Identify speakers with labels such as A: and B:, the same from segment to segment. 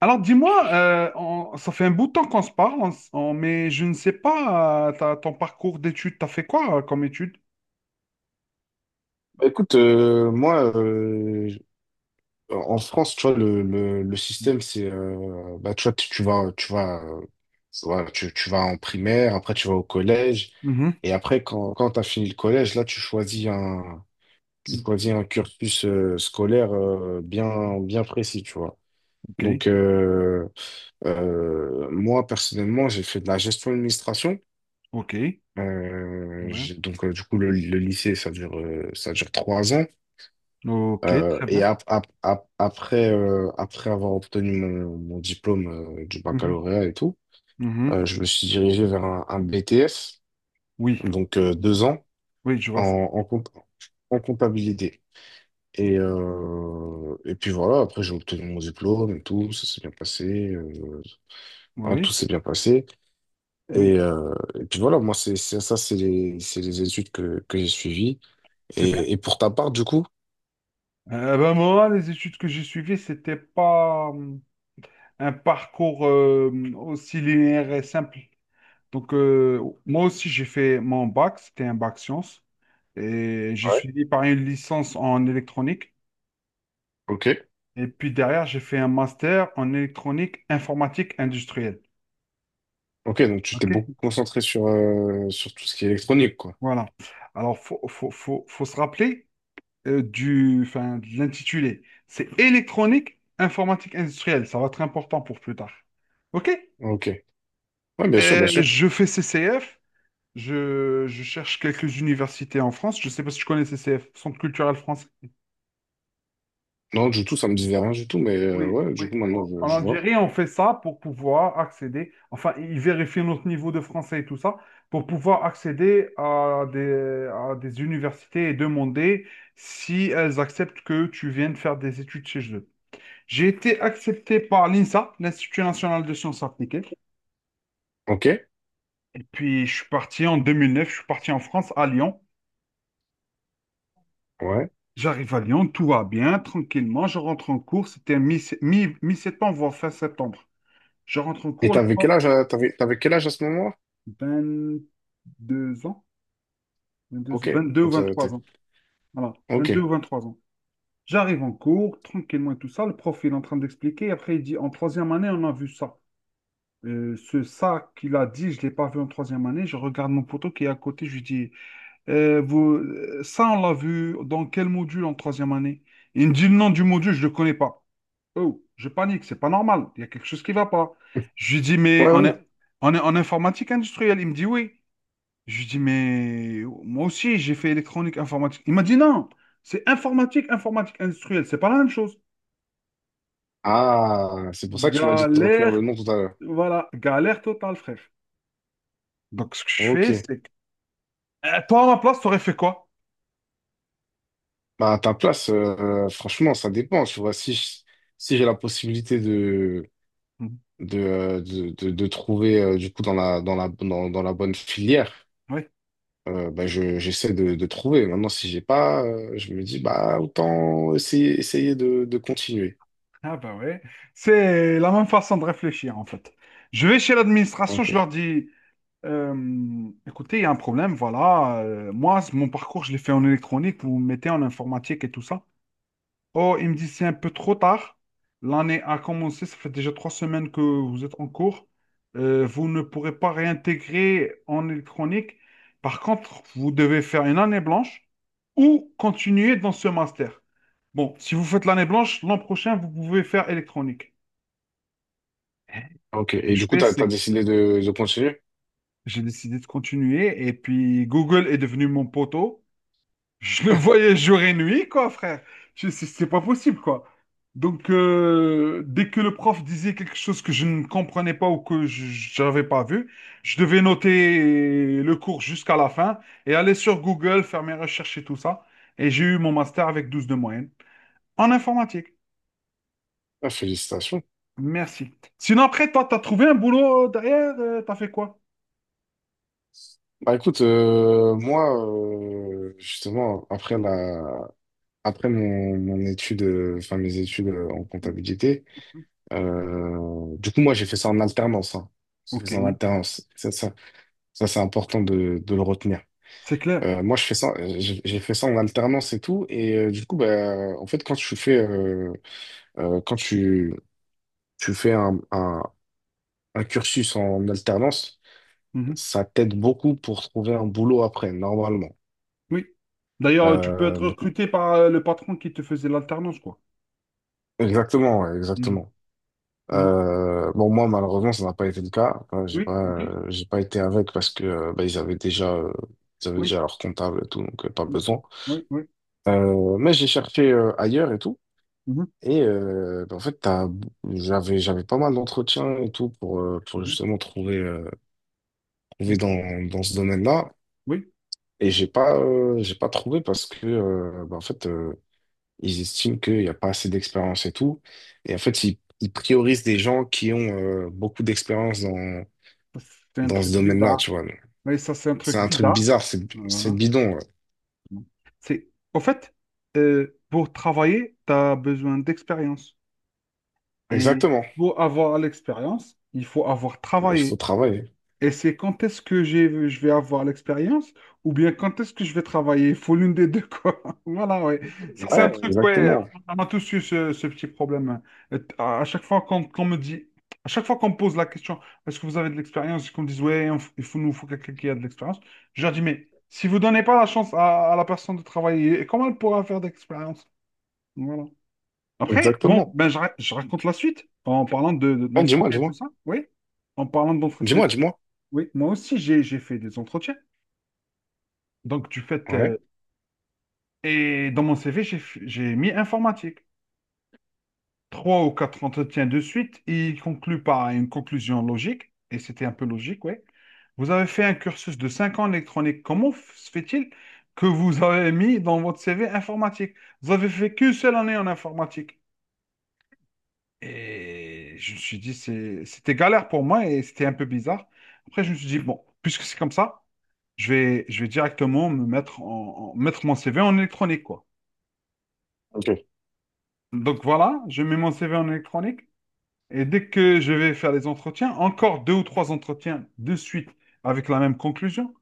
A: Alors dis-moi, ça fait un bout de temps qu'on se parle, mais je ne sais pas, ton parcours d'études, t'as fait quoi comme études?
B: Bah, écoute, moi, en France, tu vois, le système, c'est, bah, tu vois, tu vas, tu vas en primaire, après tu vas au collège,
A: Mhm.
B: et après, quand tu as fini le collège, là, tu
A: Mhm.
B: choisis un cursus scolaire bien précis, tu vois.
A: Ok,
B: Donc, moi, personnellement, j'ai fait de la gestion administration.
A: ok, très bien.
B: Donc, du coup, le lycée, ça dure 3 ans.
A: Ok, très
B: Et
A: bien.
B: après, après avoir obtenu mon diplôme du
A: Mhm.
B: baccalauréat et tout,
A: Mhm.
B: je me suis dirigé vers un BTS,
A: Oui,
B: donc 2 ans,
A: oui, je
B: en,
A: vois ça.
B: en, comp- en comptabilité. Et puis voilà, après j'ai obtenu mon diplôme et tout, ça s'est bien passé, hein, tout
A: Oui,
B: s'est bien passé.
A: oui,
B: Et, euh, et puis voilà, moi, c'est les études que j'ai suivies.
A: c'est bien.
B: Et pour ta part, du coup?
A: Ben, moi, les études que j'ai suivies, c'était pas un parcours aussi linéaire et simple. Donc, moi aussi, j'ai fait mon bac, c'était un bac science. Et j'ai
B: Ouais.
A: suivi par une licence en électronique.
B: Ok.
A: Et puis derrière, j'ai fait un master en électronique informatique industrielle.
B: Ok, donc tu t'es
A: OK?
B: beaucoup concentré sur, sur tout ce qui est électronique, quoi.
A: Voilà. Alors, faut se rappeler du, enfin, de l'intitulé. C'est électronique informatique industrielle. Ça va être important pour plus tard. OK?
B: Ok. Ouais, bien sûr, bien sûr.
A: Je fais CCF. Je cherche quelques universités en France. Je ne sais pas si tu connais CCF, Centre culturel français.
B: Non, du tout, ça me disait rien du tout, mais
A: Oui,
B: ouais, du
A: oui.
B: coup, maintenant,
A: En
B: je,
A: en
B: je vois.
A: Algérie, on fait ça pour pouvoir accéder, enfin, ils vérifient notre niveau de français et tout ça, pour pouvoir accéder à des universités et demander si elles acceptent que tu viennes faire des études chez eux. J'ai été accepté par l'INSA, l'Institut national de sciences appliquées.
B: Ok,
A: Et puis, je suis parti en 2009. Je suis parti en France, à Lyon.
B: ouais.
A: J'arrive à Lyon, tout va bien, tranquillement. Je rentre en cours, c'était mi-septembre, voire fin septembre. Je rentre en
B: Et
A: cours, le,
B: t'avais quel âge, t'avais quel âge à ce moment-là?
A: 22 ans, 22,
B: Ok.
A: 22 ou
B: Donc, ça, t'es-
A: 23 ans. Voilà, 22
B: ok.
A: ou 23 ans. J'arrive en cours, tranquillement et tout ça. Le prof, il est en train d'expliquer. Après, il dit, en troisième année, on a vu ça. Ce ça qu'il a dit, je ne l'ai pas vu en troisième année. Je regarde mon poteau qui est à côté. Je lui dis, vous, ça, on l'a vu dans quel module en troisième année? Il me dit, le nom du module, je ne le connais pas. Oh, je panique, c'est pas normal. Il y a quelque chose qui ne va pas. Je lui dis, mais
B: Ouais,
A: on est,
B: ouais.
A: on est en informatique industrielle. Il me dit, oui. Je lui dis, mais moi aussi, j'ai fait électronique, informatique. Il m'a dit, non, c'est informatique, informatique industrielle. C'est pas la même chose.
B: Ah, c'est pour ça que tu m'as dit de retenir
A: Galère,
B: le nom tout à l'heure.
A: voilà, galère totale, frère. Donc, ce que je fais, c'est...
B: Ok.
A: que- toi, à ma place, t'aurais fait quoi?
B: Bah, à ta place, franchement, ça dépend, tu vois. Si j'ai la possibilité
A: Mhm.
B: de trouver, du coup, dans la bonne filière,
A: Oui.
B: bah, j'essaie de trouver. Maintenant, si j'ai pas, je me dis, bah, autant essayer, essayer de continuer.
A: Ah bah ouais. C'est la même façon de réfléchir, en fait. Je vais chez l'administration, je
B: Ok.
A: leur dis, écoutez, il y a un problème, voilà. Moi, mon parcours, je l'ai fait en électronique, vous me mettez en informatique et tout ça. Oh, il me dit c'est un peu trop tard. L'année a commencé, ça fait déjà 3 semaines que vous êtes en cours. Vous ne pourrez pas réintégrer en électronique. Par contre, vous devez faire une année blanche ou continuer dans ce master. Bon, si vous faites l'année blanche, l'an prochain, vous pouvez faire électronique.
B: Ok.
A: Ce que
B: Et
A: je
B: du coup,
A: fais, c'est
B: t'as
A: que
B: décidé de continuer?
A: j'ai décidé de continuer et puis Google est devenu mon poteau. Je le voyais jour et nuit, quoi, frère. C'est pas possible, quoi. Donc, dès que le prof disait quelque chose que je ne comprenais pas ou que je n'avais pas vu, je devais noter le cours jusqu'à la fin et aller sur Google, faire mes recherches et tout ça. Et j'ai eu mon master avec 12 de moyenne en informatique.
B: Ah, félicitations.
A: Merci. Sinon, après, toi, t'as trouvé un boulot derrière, t'as fait quoi?
B: Bah, écoute, moi, justement, après mon étude, enfin, mes études en comptabilité, du coup, moi, j'ai fait ça en alternance, hein. J'ai fait
A: Ok,
B: ça en alternance. Ça, c'est important de le retenir.
A: c'est clair.
B: Moi, je fais ça, j'ai fait ça en alternance et tout. Et du coup, bah, en fait, quand tu fais, quand tu fais un cursus en alternance,
A: Mhm.
B: ça t'aide beaucoup pour trouver un boulot après, normalement.
A: Oui. D'ailleurs, tu peux
B: Euh,
A: être
B: donc-
A: recruté par le patron qui te faisait l'alternance, quoi.
B: exactement, ouais,
A: Mhm.
B: exactement.
A: Mhm.
B: Bon, moi, malheureusement, ça n'a pas été le cas.
A: Oui, ok.
B: J'ai pas été avec parce que bah, ils avaient
A: Oui,
B: déjà leur comptable et tout, donc pas
A: oui,
B: besoin.
A: oui. Oui.
B: Mais j'ai cherché ailleurs et tout.
A: Mhm.
B: Et bah, en fait, j'avais pas mal d'entretiens et tout
A: C'est
B: pour
A: bien.
B: justement trouver, trouver
A: Mhm.
B: dans ce domaine-là.
A: Oui,
B: Et j'ai pas trouvé parce que, bah, en fait, ils estiment qu'il n'y a pas assez d'expérience et tout. Et en fait, ils priorisent des gens qui ont beaucoup d'expérience
A: ça, c'est un
B: dans ce
A: truc
B: domaine-là,
A: bizarre.
B: tu vois.
A: Oui, ça, c'est un
B: C'est
A: truc
B: un truc
A: bizarre.
B: bizarre, c'est
A: Voilà.
B: bidon. Ouais.
A: Bon. C'est, au fait, pour travailler, tu as besoin d'expérience. Et
B: Exactement.
A: pour avoir l'expérience, il faut avoir
B: Bah, il
A: travaillé.
B: faut travailler.
A: Et c'est quand est-ce que je vais avoir l'expérience ou bien quand est-ce que je vais travailler? Il faut l'une des deux, quoi. Voilà, ouais. Ça, c'est un
B: Ouais,
A: truc, ouais.
B: exactement.
A: On a tous eu ce petit problème. Et à chaque fois qu'on me dit, à chaque fois qu'on me pose la question, est-ce que vous avez de l'expérience? Et qu'on me dise, ouais, il faut, nous faut quelqu'un qui a de l'expérience. Je leur dis, mais si vous donnez pas la chance à la personne de travailler, comment elle pourra faire d'expérience? Voilà. Après, bon,
B: Exactement.
A: ben, je raconte la suite en parlant
B: Ouais, dis-moi,
A: d'entretien et tout
B: dis-moi.
A: ça. Oui, en parlant d'entretien.
B: Dis-moi, dis-moi.
A: Oui, moi aussi, j'ai fait des entretiens. Donc, tu fais.
B: Ouais.
A: Et dans mon CV, j'ai mis informatique. Trois ou quatre entretiens de suite, ils concluent par une conclusion logique, et c'était un peu logique, oui. Vous avez fait un cursus de 5 ans en électronique. Comment se fait-il que vous avez mis dans votre CV informatique? Vous avez fait qu'une seule année en informatique. Et je me suis dit, c'était galère pour moi et c'était un peu bizarre. Après, je me suis dit, bon, puisque c'est comme ça, je vais directement me mettre en, en- mettre mon CV en électronique, quoi.
B: Ok.
A: Donc voilà, je mets mon CV en électronique et dès que je vais faire les entretiens, encore deux ou trois entretiens de suite avec la même conclusion.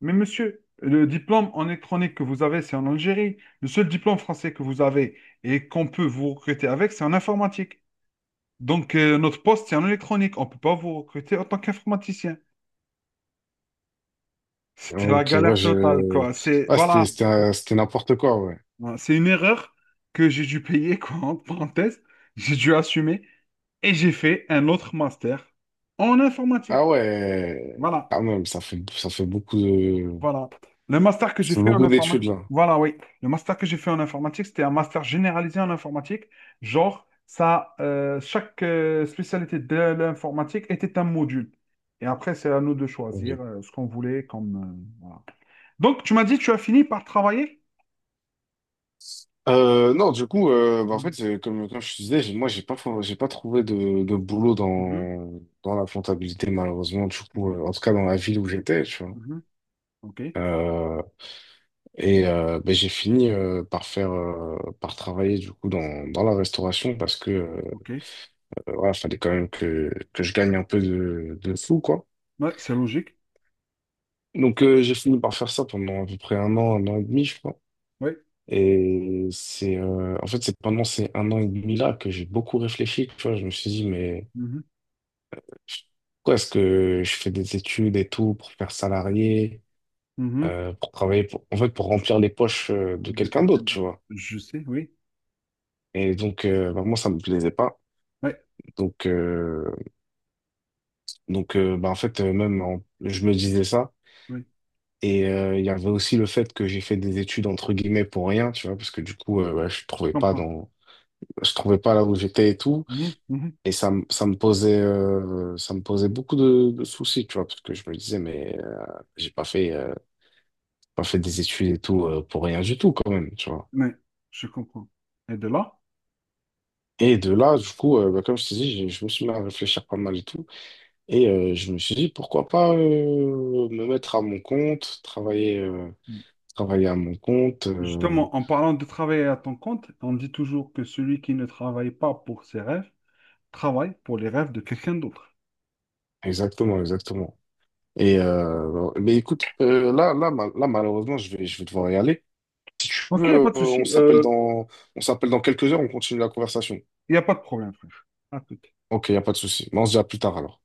A: Mais monsieur, le diplôme en électronique que vous avez, c'est en Algérie. Le seul diplôme français que vous avez et qu'on peut vous recruter avec, c'est en informatique. Donc notre poste, c'est en électronique. On ne peut pas vous recruter en tant qu'informaticien. C'était la
B: Ok, ouais,
A: galère totale, quoi. C'est,
B: ouais,
A: voilà,
B: c'était n'importe quoi, ouais.
A: voilà. C'est une erreur que j'ai dû payer, quoi, entre parenthèses. J'ai dû assumer et j'ai fait un autre master en informatique.
B: Ah ouais,
A: Voilà,
B: quand même,
A: voilà. Le master que j'ai
B: ça fait
A: fait en
B: beaucoup d'études,
A: informatique.
B: là.
A: Voilà, oui. Le master que j'ai fait en informatique, c'était un master généralisé en informatique. Genre, ça, chaque spécialité de l'informatique était un module. Et après, c'est à nous de choisir
B: Ok.
A: ce qu'on voulait comme. Voilà. Donc, tu m'as dit, tu as fini par travailler?
B: Non, du coup, bah, en fait, comme je te disais, j'ai- moi, j'ai pas, fo- j'ai pas trouvé de boulot
A: Mhm,
B: dans la comptabilité, malheureusement, du coup, en tout cas dans la ville où j'étais, tu vois.
A: mhm, mhm. Ok,
B: Euh, et ben, j'ai fini par faire, par travailler, du coup, dans la restauration parce que,
A: ok.
B: voilà, fallait quand même que je gagne un peu de sous, quoi.
A: Ouais, c'est logique.
B: Donc, j'ai fini par faire ça pendant à peu près 1 an, 1 an et demi, je crois.
A: Ouais.
B: Et c'est, en fait, c'est pendant ces 1 an et demi-là que j'ai beaucoup réfléchi. Tu vois, je me suis dit, mais
A: Mhm,
B: pourquoi est-ce que je fais des études et tout pour faire salarié,
A: mhm.
B: pour travailler, en fait, pour remplir les poches de
A: Dès que
B: quelqu'un
A: Je peux le
B: d'autre,
A: dire.
B: tu vois.
A: Je sais, oui.
B: Et donc, bah, moi, ça me plaisait pas.
A: Ouais,
B: Donc, bah, en fait, je me disais ça.
A: oui,
B: Et il y avait aussi le fait que j'ai fait des études, entre guillemets, pour rien, tu vois, parce que du coup, ouais,
A: je comprends.
B: je trouvais pas là où j'étais et tout,
A: Mhm, mhm.
B: et ça me posait beaucoup de soucis, tu vois, parce que je me disais, mais j'ai pas fait pas fait des études et tout pour rien du tout quand même, tu vois,
A: Ouais, je comprends. Et de là,
B: et de là, du coup, bah, comme je te dis, je me suis mis à réfléchir pas mal et tout, et je me suis dit pourquoi pas me mettre à mon compte, travailler travailler à mon compte,
A: justement, en parlant de travailler à ton compte, on dit toujours que celui qui ne travaille pas pour ses rêves travaille pour les rêves de quelqu'un d'autre.
B: exactement, exactement. Et mais écoute, là, malheureusement, je vais devoir y aller. Si tu veux,
A: Ok, pas de souci. Il
B: on s'appelle dans quelques heures, on continue la conversation.
A: n'y a pas de problème, frère. À tout.
B: Ok, il n'y a pas de souci. Mais on se dit à plus tard alors.